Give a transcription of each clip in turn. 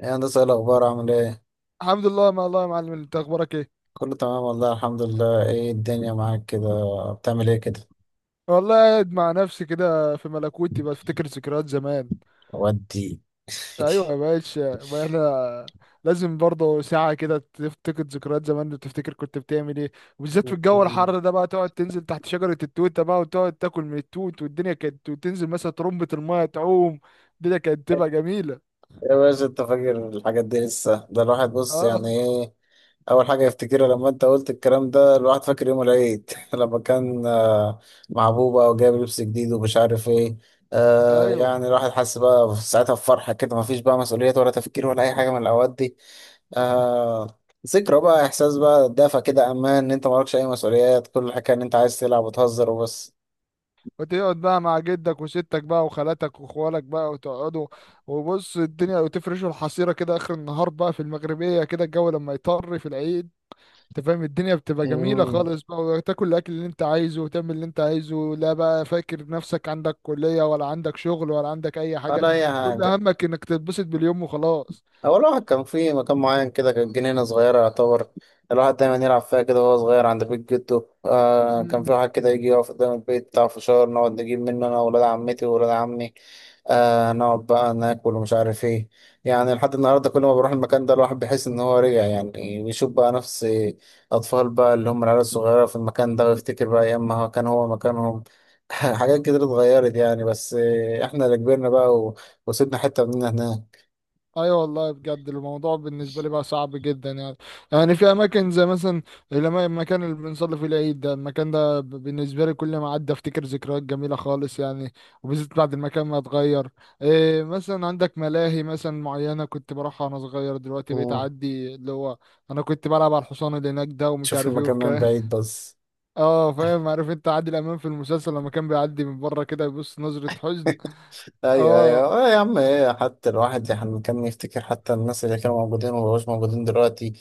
ايه يا هندسة، ايه الأخبار؟ عامل ايه؟ الحمد لله ما الله يا معلم، انت اخبارك ايه؟ كله تمام والله، الحمد لله. ايه الدنيا معاك كده؟ بتعمل ايه كده؟ والله قاعد مع نفسي كده في ملكوتي بفتكر ذكريات زمان. ودي. ايوه يا باشا، ما احنا لازم برضه ساعة كده تفتكر ذكريات زمان وتفتكر كنت بتعمل ايه. وبالذات في الجو الحر ده بقى تقعد تنزل تحت شجرة التوتة بقى وتقعد تاكل من التوت، والدنيا كانت، وتنزل مثلا ترمبة المية تعوم. الدنيا كانت تبقى جميلة. يا باشا انت فاكر الحاجات دي لسه؟ ده الواحد بص اه. يعني ايه أول حاجة يفتكرها لما انت قلت الكلام ده؟ الواحد فاكر يوم العيد لما كان آه، مع بوبا وجايب لبس جديد ومش عارف ايه. آه ايوه يعني الواحد حس بقى ساعتها بفرحة كده، مفيش بقى مسؤوليات ولا تفكير ولا أي حاجة من الأوقات دي. آه، ذكرى بقى، احساس بقى دافى كده، امان ان انت مالكش اي مسؤوليات، كل الحكايه ان انت عايز تلعب وتهزر وبس. وتقعد بقى مع جدك وستك بقى وخالاتك وخوالك بقى وتقعدوا وبص الدنيا، وتفرشوا الحصيرة كده آخر النهار بقى في المغربية كده الجو لما يطر في العيد. انت فاهم الدنيا بتبقى جميلة امم خالص بقى، وتاكل الأكل اللي انت عايزه وتعمل اللي انت عايزه، لا بقى فاكر نفسك عندك كلية ولا عندك شغل ولا عندك أي حاجة. ولا اي كل حاجه. همك انك تتبسط باليوم وخلاص. هو الواحد كان في مكان معين كده، كانت جنينة صغيرة يعتبر الواحد دايما يلعب فيها كده وهو صغير عند بيت جده. آه كان في واحد كده يجي يقف قدام البيت بتاع فشار، نقعد نجيب منه أنا وولاد عمتي وولاد عمي. آه نقعد بقى ناكل ومش عارف ايه. يعني لحد النهاردة كل ما بروح المكان ده الواحد بيحس إن هو رجع، يعني بيشوف بقى نفس أطفال بقى، اللي هم العيال الصغيرة في المكان ده، ويفتكر بقى أيام ما كان هو مكانهم. حاجات كتير اتغيرت يعني، بس آه، احنا اللي كبرنا بقى وسيبنا حتة مننا. ايوه والله بجد الموضوع بالنسبه لي بقى صعب جدا يعني. يعني في اماكن زي مثلا المكان اللي بنصلي فيه العيد ده، المكان ده بالنسبه لي كل ما اعدي افتكر ذكريات جميله خالص يعني. وبالذات بعد المكان ما اتغير. إيه مثلا عندك ملاهي مثلا معينه كنت بروحها وانا صغير، دلوقتي بقيت هناك اعدي اللي هو انا كنت بلعب على الحصان اللي هناك ده ومش تشوف عارف ايه المكان من والكلام. بعيد بس. اه فاهم. عارف انت عادل امام في المسلسل لما كان بيعدي من بره كده يبص نظره حزن. ايوه ايوه، اه. آه يا عم ايه، حتى الواحد يعني كان يفتكر حتى الناس اللي كانوا موجودين وما بقوش موجودين دلوقتي.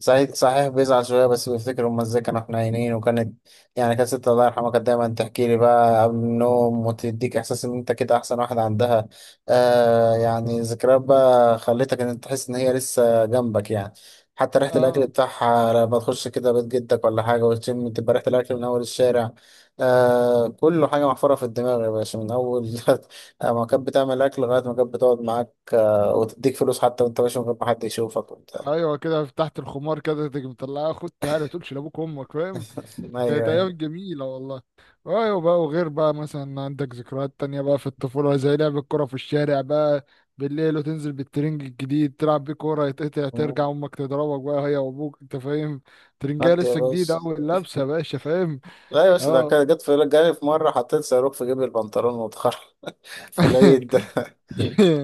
صحيح صحيح، بيزعل شويه بس بيفتكر هم ازاي كانوا. احنا عينين وكانت، يعني كانت ست الله يرحمها كانت دايما تحكي لي بقى قبل النوم، وتديك احساس ان انت كده احسن واحد عندها. آه يعني ذكريات بقى خلتك ان انت تحس ان هي لسه جنبك يعني. حتى ريحة الأكل اه بتاعها لما تخش كده بيت جدك ولا حاجة وتشم، تبقى ريحة الأكل من أول الشارع. آه كله حاجة محفورة في الدماغ يا باشا من أول. آه، ما كانت بتعمل اكل لغايه ما كانت بتقعد معاك آه، وتديك فلوس حتى وانت ماشي من غير ما حد يشوفك وبتاع. ايوه كده تحت الخمار كده تيجي مطلعها، خد تعالى تقولش لابوك وامك، فاهم؟ ايوه كانت ايام ايوه. جميله والله. ايوه بقى. وغير بقى مثلا عندك ذكريات تانية بقى في الطفوله زي لعب الكوره في الشارع بقى بالليل، وتنزل بالترنج الجديد تلعب بيه كوره، يتقطع مم. ترجع امك تضربك بقى هي وابوك، انت فاهم. ترنجايه ودي يا لسه جديده باشا. اول لابسه يا باشا، فاهم؟ لا يا باشا، ده اه. كان جت في جالي في مره حطيت صاروخ في جيب البنطلون واتخرج. في العيد ده.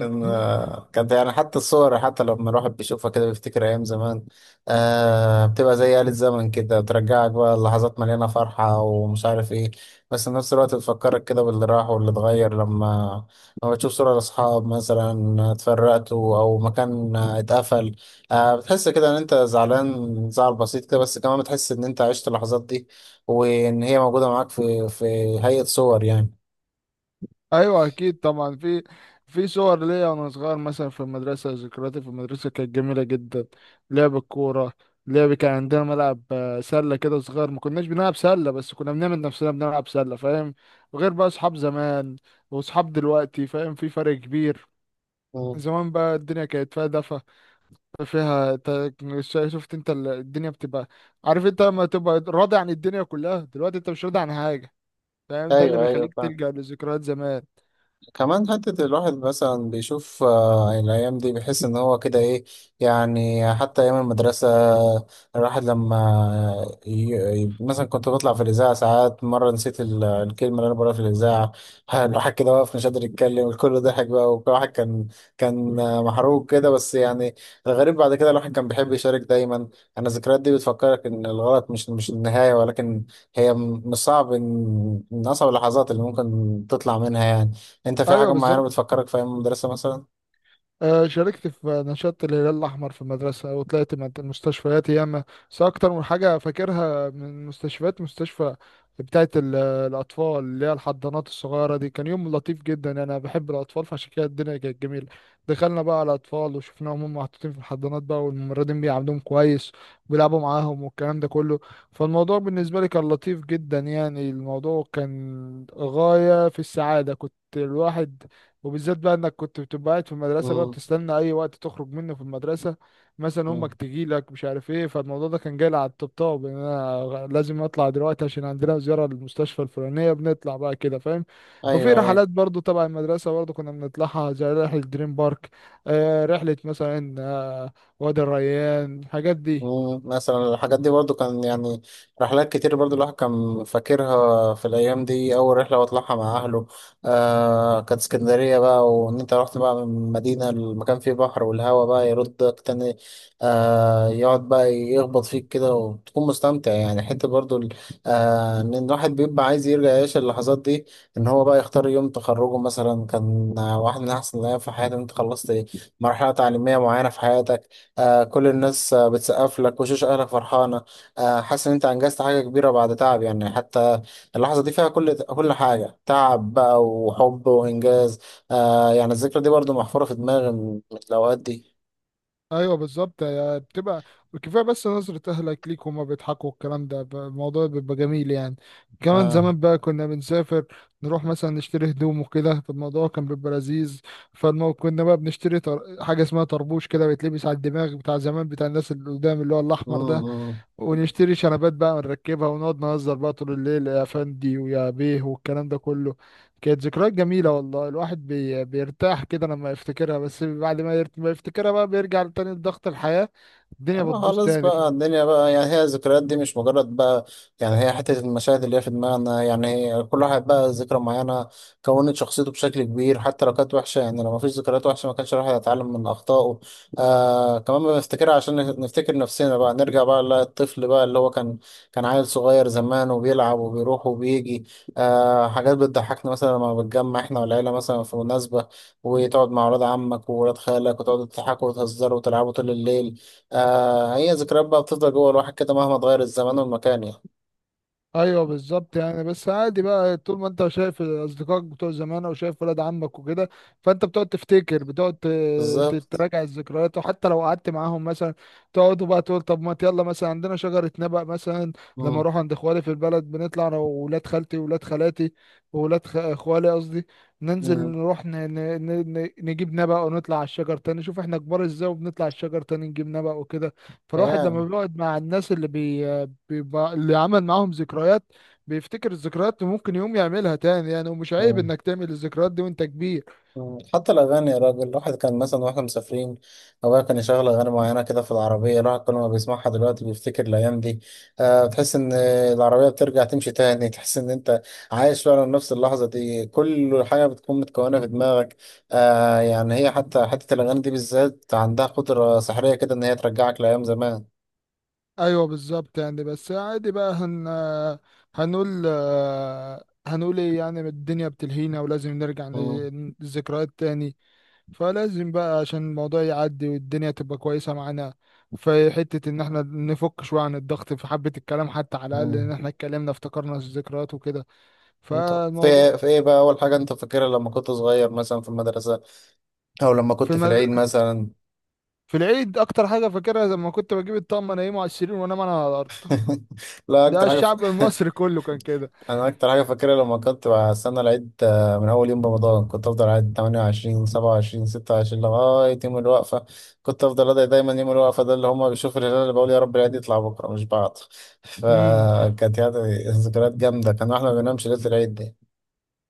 كان، كانت يعني حتى الصور، حتى لما الواحد بيشوفها كده بيفتكر أيام زمان. آه بتبقى زي آلة زمن كده، بترجعك بقى لحظات مليانة فرحة ومش عارف إيه. بس في نفس الوقت بتفكرك كده باللي راح واللي اتغير، لما بتشوف صورة لأصحاب مثلا اتفرقتوا أو مكان اتقفل. آه بتحس كده إن أنت زعلان، زعل بسيط كده، بس كمان بتحس إن أنت عشت اللحظات دي وإن هي موجودة معاك في هيئة صور يعني. ايوه اكيد طبعا في في صور ليا وانا صغير مثلا في المدرسه. ذكرياتي في المدرسه كانت جميله جدا. لعب الكوره. لعب. كان عندنا ملعب سله كده صغير، ما كناش بنلعب سله بس كنا بنعمل نفسنا بنلعب سله، فاهم؟ وغير بقى اصحاب زمان واصحاب دلوقتي، فاهم في فرق كبير. مم. زمان بقى الدنيا كانت فيها دفى، فيها شفت انت الدنيا بتبقى، عارف انت لما تبقى راضي عن الدنيا كلها، دلوقتي انت مش راضي عن حاجه، فاهم؟ ده اللي ايوه ايوه بيخليك فاهم. تلجأ لذكريات زمان. كمان حتة الواحد مثلا بيشوف آه، الأيام دي بيحس إن هو كده إيه. يعني حتى أيام المدرسة، الواحد لما ي... مثلا كنت بطلع في الإذاعة ساعات. مرة نسيت الكلمة اللي أنا بقولها في الإذاعة. الواحد كده واقف مش قادر يتكلم، الكل ضحك بقى، وكل واحد كان، كان آه، محروق كده بس يعني. الغريب بعد كده الواحد كان بيحب يشارك دايما. أنا الذكريات دي بتفكرك إن الغلط مش النهاية، ولكن هي مش صعب، إن من أصعب اللحظات اللي ممكن تطلع منها يعني. انت في ايوه حاجة معينة بالظبط. بتفكرك في ايام المدرسة مثلا؟ شاركت في نشاط الهلال الأحمر في المدرسة وطلعت من المستشفيات ياما. بس أكتر من حاجة فاكرها من المستشفيات مستشفى بتاعة الأطفال اللي هي الحضانات الصغيرة دي. كان يوم لطيف جدا يعني، أنا بحب الأطفال فعشان كده الدنيا كانت جميلة. دخلنا بقى على الأطفال وشفناهم هم محطوطين في الحضانات بقى، والممرضين بيعاملوهم كويس وبيلعبوا معاهم والكلام ده كله. فالموضوع بالنسبة لي كان لطيف جدا يعني، الموضوع كان غاية في السعادة. كنت الواحد، وبالذات بقى انك كنت بتبقى قاعد في المدرسه بقى امم بتستنى اي وقت تخرج منه في المدرسه، مثلا امك تجي لك مش عارف ايه. فالموضوع ده كان جاي لي على الطبطاب ان انا لازم اطلع دلوقتي عشان عندنا زياره للمستشفى الفلانيه، بنطلع بقى كده، فاهم. وفي ايوه ايوه. رحلات برضو تبع المدرسه برضو كنا بنطلعها زي رحله دريم بارك. آه رحله مثلا آه وادي الريان، الحاجات دي. مم، مثلا الحاجات دي برضو كان يعني رحلات كتير برضو الواحد كان فاكرها في الأيام دي. أول رحلة بطلعها مع أهله آه كانت اسكندرية بقى، وإن أنت رحت بقى من مدينة المكان فيه بحر والهوا بقى يردك تاني. آه يقعد بقى يخبط فيك كده وتكون مستمتع يعني، حتة برضو آه إن الواحد بيبقى عايز يرجع يعيش اللحظات دي. إن هو بقى يختار يوم تخرجه مثلا كان واحد من أحسن الأيام في حياتي، إن أنت خلصت مرحلة تعليمية معينة في حياتك. آه كل الناس آه بتسقف لك، وشوش اهلك فرحانه. آه حاسس ان انت انجزت حاجه كبيره بعد تعب، يعني حتى اللحظه دي فيها كل حاجه، تعب بقى وحب وانجاز. آه يعني الذكرى دي برضو محفوره في دماغي من الاوقات دي. ايوه بالظبط بتبقى كفايه بس نظره اهلك ليك وهما بيضحكوا، الكلام ده الموضوع بيبقى جميل يعني. كمان اه. زمان بقى كنا بنسافر، نروح مثلا نشتري هدوم وكده، فالموضوع كان بيبقى لذيذ. فالمو كنا بقى بنشتري حاجه اسمها طربوش كده بيتلبس على الدماغ بتاع زمان بتاع الناس اللي قدام، اللي هو مم، الاحمر ده. مم. ونشتري شنبات بقى ونركبها ونقعد نهزر بقى طول الليل، يا فندي ويا بيه والكلام ده كله. كانت ذكريات جميلة والله، الواحد بيرتاح كده لما يفتكرها، بس بعد ما، ما يفتكرها بقى بيرجع تاني لضغط الحياة، الدنيا اه بتبوظ خلاص تاني. بقى، الدنيا بقى يعني، هي الذكريات دي مش مجرد بقى يعني، هي حتة المشاهد اللي هي في دماغنا يعني، هي كل واحد بقى ذكرى معينة كونت شخصيته بشكل كبير. حتى لو كانت وحشة، يعني لو مفيش ذكريات وحشة ما كانش الواحد هيتعلم من أخطائه. آه كمان بنفتكرها عشان نفتكر نفسنا بقى، نرجع بقى للطفل بقى اللي هو كان عيل صغير زمان وبيلعب وبيروح وبيجي. آه حاجات بتضحكنا مثلا لما بنتجمع احنا والعيلة مثلا في مناسبة، وتقعد مع ولاد عمك وولاد خالك، وتقعدوا تضحكوا وتهزروا وتلعبوا طول الليل. آه هي ذكريات بقى بتفضل جوه الواحد كده مهما اتغير الزمان والمكان يعني. ايوه بالظبط يعني. بس عادي بقى طول ما انت شايف اصدقائك بتوع زمان او شايف ولاد عمك وكده، فانت بتقعد تفتكر، بتقعد بالظبط. تراجع الذكريات. وحتى لو قعدت معاهم مثلا تقعدوا بقى تقول طب ما يلا، مثلا عندنا شجرة نبق مثلا، لما مم. اروح عند اخوالي في البلد بنطلع انا وولاد خالتي وولاد خالاتي وولاد اخوالي قصدي، ننزل مم. نروح نجيب نبق ونطلع على الشجر تاني، شوف احنا كبار ازاي وبنطلع على الشجر تاني نجيب نبق وكده. فالواحد لما أيام. بيقعد مع الناس اللي بيبقى اللي عمل معاهم ذكريات، بيفتكر الذكريات وممكن يقوم يعملها تاني يعني، ومش عيب مم. انك تعمل الذكريات دي وانت كبير. مم. حتى الأغاني يا راجل، الواحد كان مثلا واحنا مسافرين أبويا كان يشغل أغاني معينة كده في العربية، الواحد كل ما بيسمعها دلوقتي بيفتكر الأيام دي. آه تحس إن العربية بترجع تمشي تاني، تحس إن أنت عايش فعلا نفس اللحظة دي، كل حاجة بتكون متكونة في دماغك. آه يعني هي حتى حتة الأغاني دي بالذات عندها قدرة سحرية كده، إن هي ترجعك لأيام زمان. ايوه بالظبط يعني. بس عادي بقى هنقول هنقول ايه يعني؟ الدنيا بتلهينا ولازم نرجع مم. للذكريات تاني. فلازم بقى عشان الموضوع يعدي والدنيا تبقى كويسة معانا في حتة ان احنا نفك شوية عن الضغط في حبة الكلام، حتى على الاقل ان مم. احنا اتكلمنا افتكرنا الذكريات وكده. انت في ايه، فالموضوع. في ايه بقى اول حاجه انت فاكرها لما كنت صغير مثلا في المدرسه او لما في كنت في العيد مثلا؟ في العيد اكتر حاجه فاكرها لما كنت بجيب الطقم انيمه على السرير وانام انا على الارض. لا ده اكتر حاجه ف... الشعب المصري كله كان كده. انا اكتر حاجه فاكرها لما كنت بستنى العيد آه، من اول يوم رمضان كنت افضل قاعد 28 27 26 لغايه يوم الوقفه. كنت افضل ادعي دايما يوم الوقفه ده اللي هم بيشوفوا الهلال، اللي بقول يا رب العيد يطلع بكره مش بعد. امم فكانت يعني ذكريات جامده، كان احنا ما بننامش ليله العيد دي.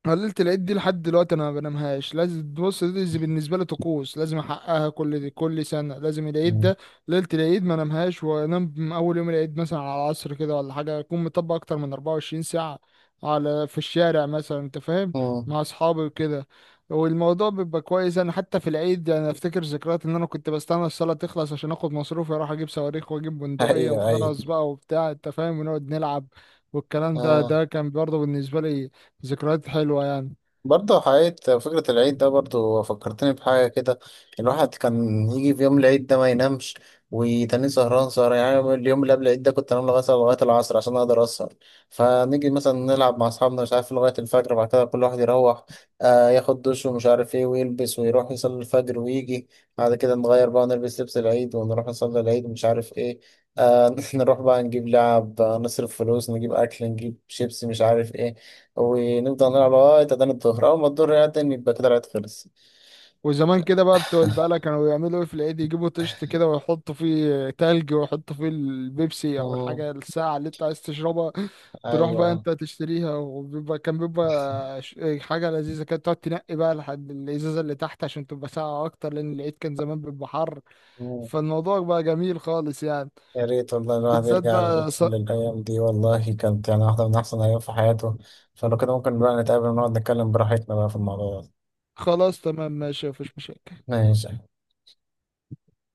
قللت العيد دي لحد دلوقتي انا ما بنامهاش، لازم بص دي بالنسبه لي طقوس لازم احققها، كل دي كل سنه لازم العيد مم. ده، ليله العيد ما انامهاش، وانام من اول يوم العيد مثلا على العصر كده ولا حاجه، اكون مطبق اكتر من 24 ساعه على في الشارع مثلا، انت فاهم، مم. مع اصحابي وكده. والموضوع بيبقى كويس. انا حتى في العيد انا افتكر ذكريات ان انا كنت بستنى الصلاه تخلص عشان اخد مصروفي اروح اجيب صواريخ واجيب بندقيه ايوه ايوه. وخرز بقى وبتاع، انت فاهم، ونقعد نلعب والكلام ده، ده كان برضه بالنسبه لي ذكريات حلوة يعني. برضه حقيقة فكرة العيد ده برضه فكرتني بحاجة كده، الواحد كان يجي في يوم العيد ده ما ينامش وتاني، سهران يعني. اليوم اللي قبل العيد ده كنت انام لغاية العصر عشان اقدر اسهر، فنيجي مثلا نلعب مع اصحابنا مش عارف لغاية الفجر، بعد كده كل واحد يروح آه ياخد دش ومش عارف ايه ويلبس ويروح يصلي الفجر ويجي. بعد كده نغير بقى، نلبس لبس العيد ونروح نصلي العيد ومش عارف ايه. آه نروح بقى نجيب لعب آه، نصرف فلوس، نجيب اكل، نجيب شيبسي مش عارف ايه، ونفضل نلعب لغاية أذان الظهر. أول ما الظهر يأذن يبقى كده الوقت خلص. وزمان كده بقى بتوع البقالة كانوا بيعملوا ايه في العيد، يجيبوا طشت كده ويحطوا فيه تلج ويحطوا فيه البيبسي او اه. الحاجة الساعة اللي انت عايز تشربها، تروح بقى أيوة. انت تشتريها، وبيبقى كان بيبقى حاجة لذيذة، كانت تقعد تنقي بقى لحد الازازة اللي تحت عشان تبقى ساقعة اكتر، لان العيد كان زمان بيبقى حر. مم. فالموضوع بقى جميل خالص يعني. يا ريت والله الواحد بالذات يرجع بقى للأيام دي، والله كانت يعني واحدة من أحسن الأيام في حياته. فلو كده ممكن بقى نتقابل ونقعد نتكلم براحتنا بقى في الموضوع ده. خلاص تمام ماشي، مفيش مشاكل. ماشي.